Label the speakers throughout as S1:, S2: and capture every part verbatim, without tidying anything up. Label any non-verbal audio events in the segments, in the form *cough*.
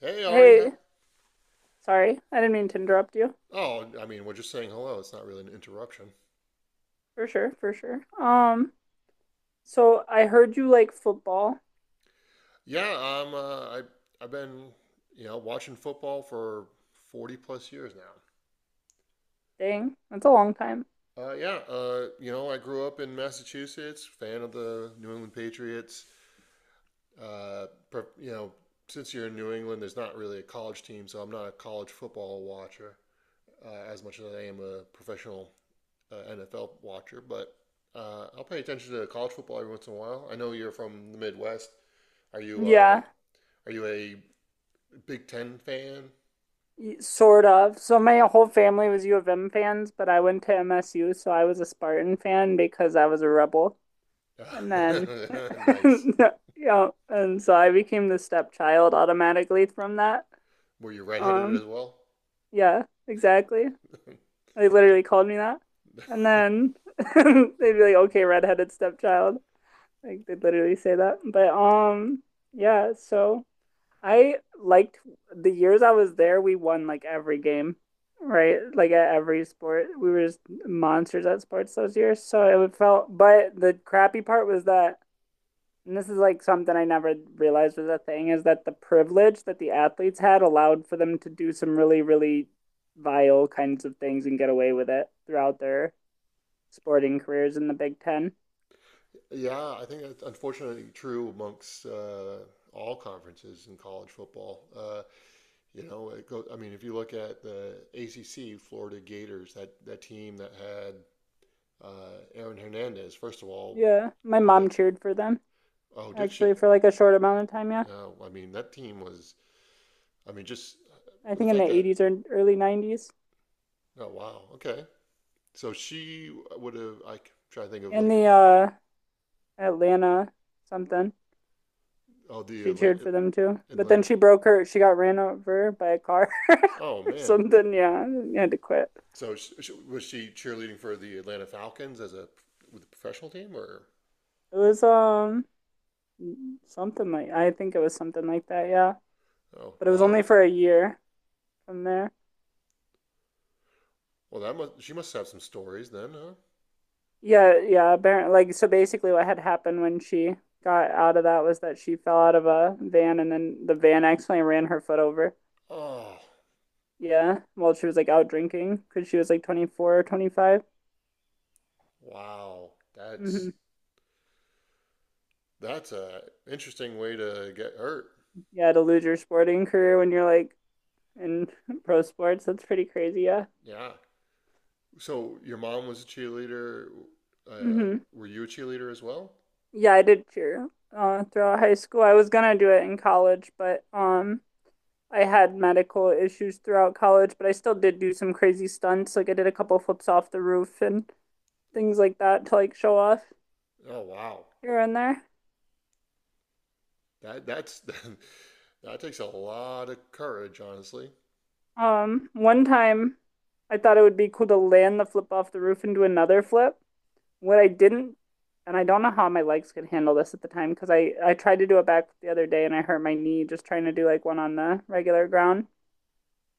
S1: Hey, Ari. Hi.
S2: Hey, sorry. I didn't mean to interrupt you.
S1: Oh, I mean, we're just saying hello. It's not really an interruption.
S2: For sure, for sure. Um, so I heard you like football.
S1: Yeah, I'm. Uh, I I've been you know watching football for forty plus years now.
S2: Dang, that's a long time.
S1: Uh, yeah, uh, you know, I grew up in Massachusetts, fan of the New England Patriots. Uh, pre- you know, since you're in New England, there's not really a college team, so I'm not a college football watcher uh, as much as I am a professional uh, N F L watcher. But uh, I'll pay attention to college football every once in a while. I know you're from the Midwest. Are you uh,
S2: Yeah,
S1: Are you a Big Ten fan?
S2: y- sort of. So my whole family was U of M fans, but I went to M S U, so I was a Spartan fan because I was a rebel. And then,
S1: *laughs* Nice.
S2: *laughs* yeah, and so I became the stepchild automatically from that.
S1: Were you redheaded as
S2: Um,
S1: well?
S2: yeah, exactly. They literally called me that. And then *laughs* they'd be like, okay, redheaded stepchild. Like they literally say that. But um yeah, so I liked the years I was there, we won like every game, right? Like at every sport. We were just monsters at sports those years. So it felt, but the crappy part was that, and this is like something I never realized was a thing, is that the privilege that the athletes had allowed for them to do some really, really vile kinds of things and get away with it throughout their sporting careers in the Big Ten.
S1: Yeah, I think that's unfortunately true amongst uh, all conferences in college football. Uh, you know, it goes, I mean, if you look at the A C C, Florida Gators, that, that team that had uh, Aaron Hernandez, first of all,
S2: Yeah, my
S1: what a,
S2: mom cheered for them.
S1: oh, did she?
S2: Actually for like a short amount of time, yeah.
S1: No, I mean, that team was, I mean, just
S2: I
S1: uh, the
S2: think in the
S1: fact that,
S2: eighties or early nineties.
S1: oh, wow, okay. So she would have, I try to think of
S2: In
S1: like.
S2: the uh Atlanta something,
S1: Oh, the
S2: she cheered
S1: Atla-
S2: for them too. But then
S1: Atlanta.
S2: she broke her, she got ran over by a car *laughs*
S1: Oh
S2: or
S1: man.
S2: something, yeah. And had to quit.
S1: So sh- sh- was she cheerleading for the Atlanta Falcons as a with a professional team or?
S2: It was um something like, I think it was something like that, yeah.
S1: Oh
S2: But it was
S1: wow.
S2: only for a year from there.
S1: Well, that must she must have some stories then, huh?
S2: Yeah, yeah, apparently, like, so basically what had happened when she got out of that was that she fell out of a van and then the van accidentally ran her foot over.
S1: Oh
S2: Yeah, well, she was like out drinking because she was like twenty-four or twenty-five.
S1: wow.
S2: hmm
S1: That's that's a interesting way to get hurt.
S2: Yeah, to lose your sporting career when you're like in *laughs* pro sports, that's pretty crazy. Yeah.
S1: Yeah. So your mom was a cheerleader. Uh,
S2: hmm
S1: were you a cheerleader as well?
S2: Yeah, I did cheer uh, throughout high school. I was gonna do it in college, but um, I had medical issues throughout college, but I still did do some crazy stunts. Like I did a couple flips off the roof and things like that to like show off
S1: Oh wow.
S2: here and there.
S1: That that's *laughs* that takes a lot of courage, honestly. *laughs*
S2: Um, one time I thought it would be cool to land the flip off the roof and do another flip. What I didn't, and I don't know how my legs could handle this at the time because I I tried to do it back the other day and I hurt my knee just trying to do like one on the regular ground.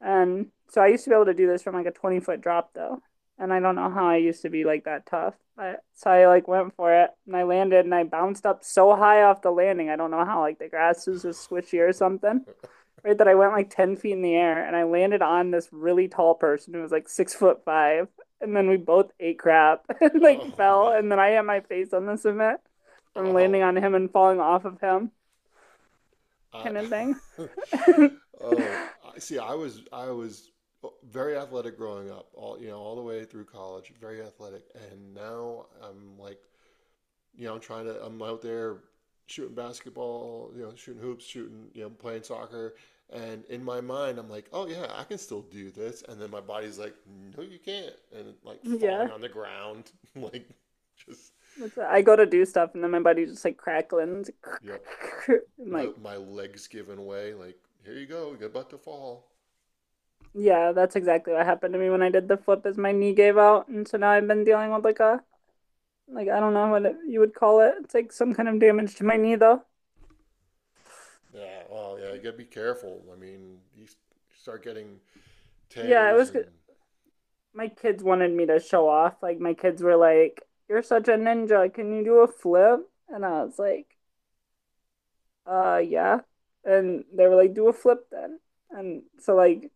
S2: And so I used to be able to do this from like a twenty foot drop though. And I don't know how I used to be like that tough. But so I like went for it and I landed and I bounced up so high off the landing. I don't know how, like, the grass was just squishy or something, right, that I went like ten feet in the air and I landed on this really tall person who was like six foot five. And then we both ate crap *laughs* and like
S1: Oh
S2: fell.
S1: man.
S2: And then I had my face on the cement from landing
S1: Oh,
S2: on him and falling off of him,
S1: I
S2: kind of thing.
S1: *laughs* oh, I see. I was I was very athletic growing up, all you know, all the way through college, very athletic. And now I'm like, you know, I'm trying to I'm out there shooting basketball, you know, shooting hoops, shooting, you know, playing soccer. And in my mind, I'm like, oh yeah, I can still do this. And then my body's like, no, you can't. And like
S2: *laughs* Yeah.
S1: falling on the ground, *laughs* like just,
S2: That's, I go to do stuff and then my body's just like crackling.
S1: yep.
S2: *laughs* And
S1: My
S2: like,
S1: my legs giving way. Like here you go, you're about to fall.
S2: yeah, that's exactly what happened to me when I did the flip, is my knee gave out. And so now I've been dealing with like a, like, I don't know what it, you would call it. It's like some kind of damage to my knee though.
S1: Yeah, well, yeah, you gotta be careful. I mean, you s- start getting
S2: Yeah, it
S1: tears
S2: was,
S1: and
S2: my kids wanted me to show off. Like my kids were like, "You're such a ninja. Can you do a flip?" And I was like, "Uh, yeah." And they were like, "Do a flip then." And so like,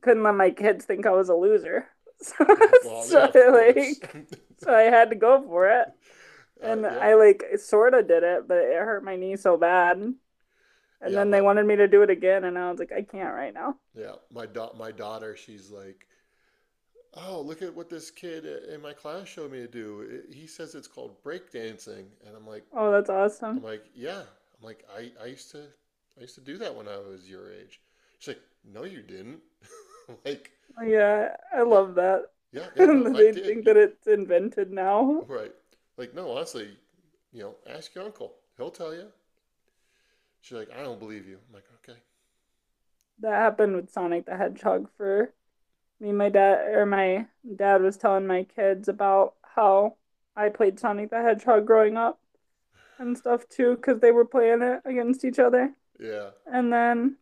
S2: couldn't let my kids think I was a loser. So,
S1: *laughs*
S2: *laughs*
S1: well, yeah,
S2: so
S1: of course.
S2: like,
S1: *laughs*
S2: so I had to go for it.
S1: Uh,
S2: And
S1: yeah,
S2: I like sort of did it, but it hurt my knee so bad. And
S1: yeah,
S2: then they
S1: my
S2: wanted me to do it again and I was like, "I can't right now."
S1: yeah, my da my daughter, she's like, oh, look at what this kid i- in my class showed me to do. It, he says it's called break dancing, and I'm like,
S2: Oh, that's
S1: I'm
S2: awesome.
S1: like, yeah, I'm like, I I used to I used to do that when I was your age. She's like, no, you didn't. *laughs* I'm like,
S2: Yeah, I
S1: yeah,
S2: love that.
S1: yeah,
S2: *laughs*
S1: yeah, no, I
S2: They
S1: did.
S2: think
S1: You
S2: that it's invented now.
S1: Right. Like, no, honestly, you know, ask your uncle. He'll tell you. She's like, I don't believe you. I'm like,
S2: That happened with Sonic the Hedgehog for me. My dad or my dad was telling my kids about how I played Sonic the Hedgehog growing up and stuff too, because they were playing it against each other.
S1: okay.
S2: And then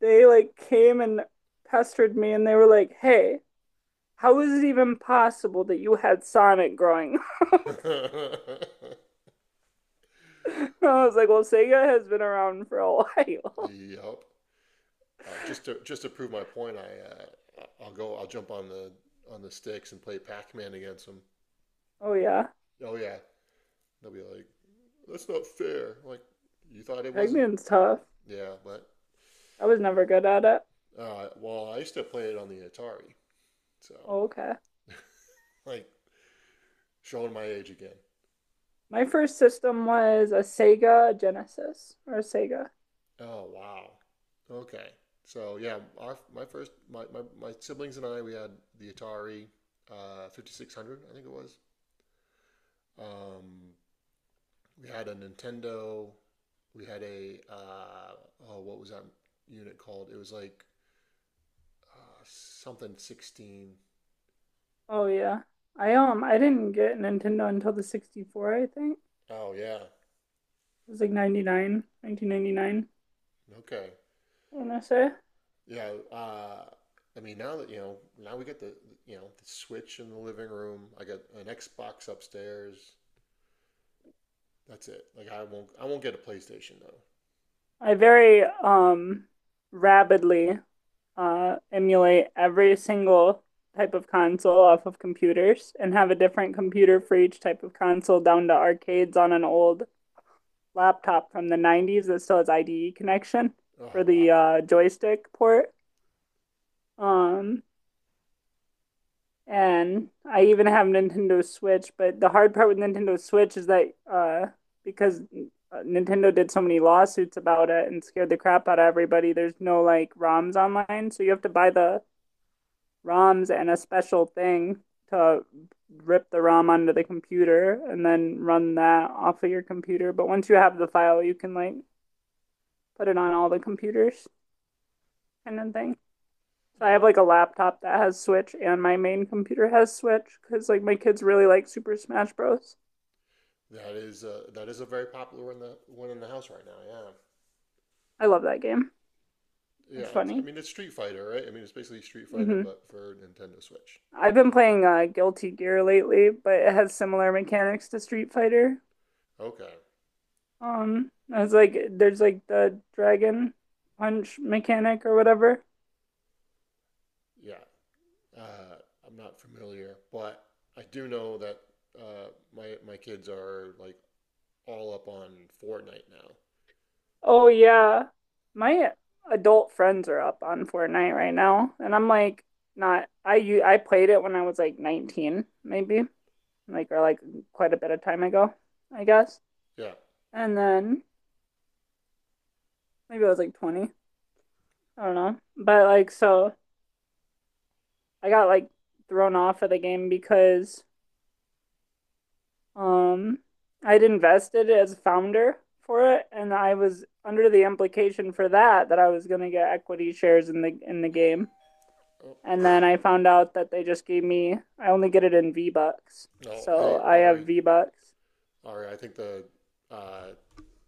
S2: they like came and pestered me and they were like, hey, how is it even possible that you had Sonic growing up?
S1: Yeah.
S2: *laughs* I was like, well, Sega has been around for a while. *laughs*
S1: *laughs* yep. Uh, just to just to prove my point, I uh, I- will go. I'll jump on the on the sticks and play Pac-Man against them.
S2: Oh yeah.
S1: Oh yeah. They'll be like, that's not fair. I'm like, you thought it wasn't?
S2: Pac-Man's tough.
S1: Yeah, but
S2: I was never good at it.
S1: uh, well, I used to play it on the Atari. So
S2: Oh, okay.
S1: like showing my age again.
S2: My first system was a Sega Genesis or a Sega.
S1: Oh wow. Okay. So yeah, our my first my, my, my siblings and I we had the Atari uh, five thousand six hundred I think it was. Um, we had a Nintendo. We had a uh, oh what was that unit called? It was like uh, something sixteen.
S2: Oh yeah. I um I didn't get Nintendo until the sixty-four, I think.
S1: Oh yeah.
S2: It was like ninety nine, nineteen ninety nine. nineteen ninety-nine,
S1: Okay.
S2: I want to say.
S1: Yeah. Uh, I mean now that you know now we get the the- you know the Switch in the living room. I got an Xbox upstairs. That's it. Like I won't I won't get a PlayStation though.
S2: I very um rapidly uh emulate every single type of console off of computers and have a different computer for each type of console down to arcades on an old laptop from the nineties that still has I D E connection
S1: Oh
S2: for the
S1: wow.
S2: uh, joystick port. Um, and I even have Nintendo Switch, but the hard part with Nintendo Switch is that uh, because uh, Nintendo did so many lawsuits about it and scared the crap out of everybody, there's no like ROMs online. So you have to buy the ROMs and a special thing to rip the ROM onto the computer and then run that off of your computer. But once you have the file, you can like put it on all the computers. Kind of thing. So I have
S1: Oh,
S2: like a laptop that has Switch and my main computer has Switch because like my kids really like Super Smash Bros.
S1: that is uh that is a very popular one in the one in the house right now. Yeah.
S2: I love that game.
S1: Yeah,
S2: It's
S1: it's, I
S2: funny.
S1: mean it's Street Fighter, right? I mean it's basically Street Fighter
S2: hmm
S1: but for Nintendo Switch.
S2: I've been playing uh, Guilty Gear lately, but it has similar mechanics to Street Fighter.
S1: Okay.
S2: Um, it's like there's like the dragon punch mechanic or whatever.
S1: Yeah. Uh, I'm not familiar, but I do know that uh, my my kids are like all up on Fortnite now.
S2: Oh yeah, my adult friends are up on Fortnite right now, and I'm like, not, I u- I played it when I was like nineteen maybe, like or like quite a bit of time ago, I guess.
S1: Yeah.
S2: And then maybe it was like twenty. I don't know. But like so I got like thrown off of the game because um I'd invested as founder for it and I was under the implication for that, that I was going to get equity shares in the in the game.
S1: Oh,
S2: And then I found out that they just gave me, I only get it in V-bucks.
S1: no. Hey,
S2: So I
S1: Ari.
S2: have V-bucks.
S1: Ari, I think the uh,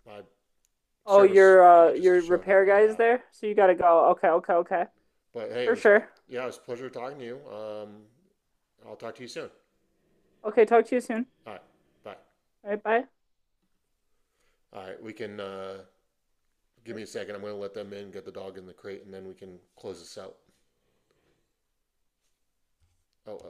S1: my
S2: Oh,
S1: service
S2: your
S1: guy
S2: uh
S1: just
S2: your
S1: showed up.
S2: repair guy is
S1: Yeah.
S2: there? So you got to go. Okay, okay, okay.
S1: But hey, it
S2: For
S1: was
S2: sure.
S1: yeah, it was a pleasure talking to you. Um, I'll talk to you soon.
S2: Okay, talk to you soon.
S1: All right, bye.
S2: All right, bye.
S1: All right, we can uh, give me a second. I'm going to let them in, get the dog in the crate, and then we can close this out. Oh,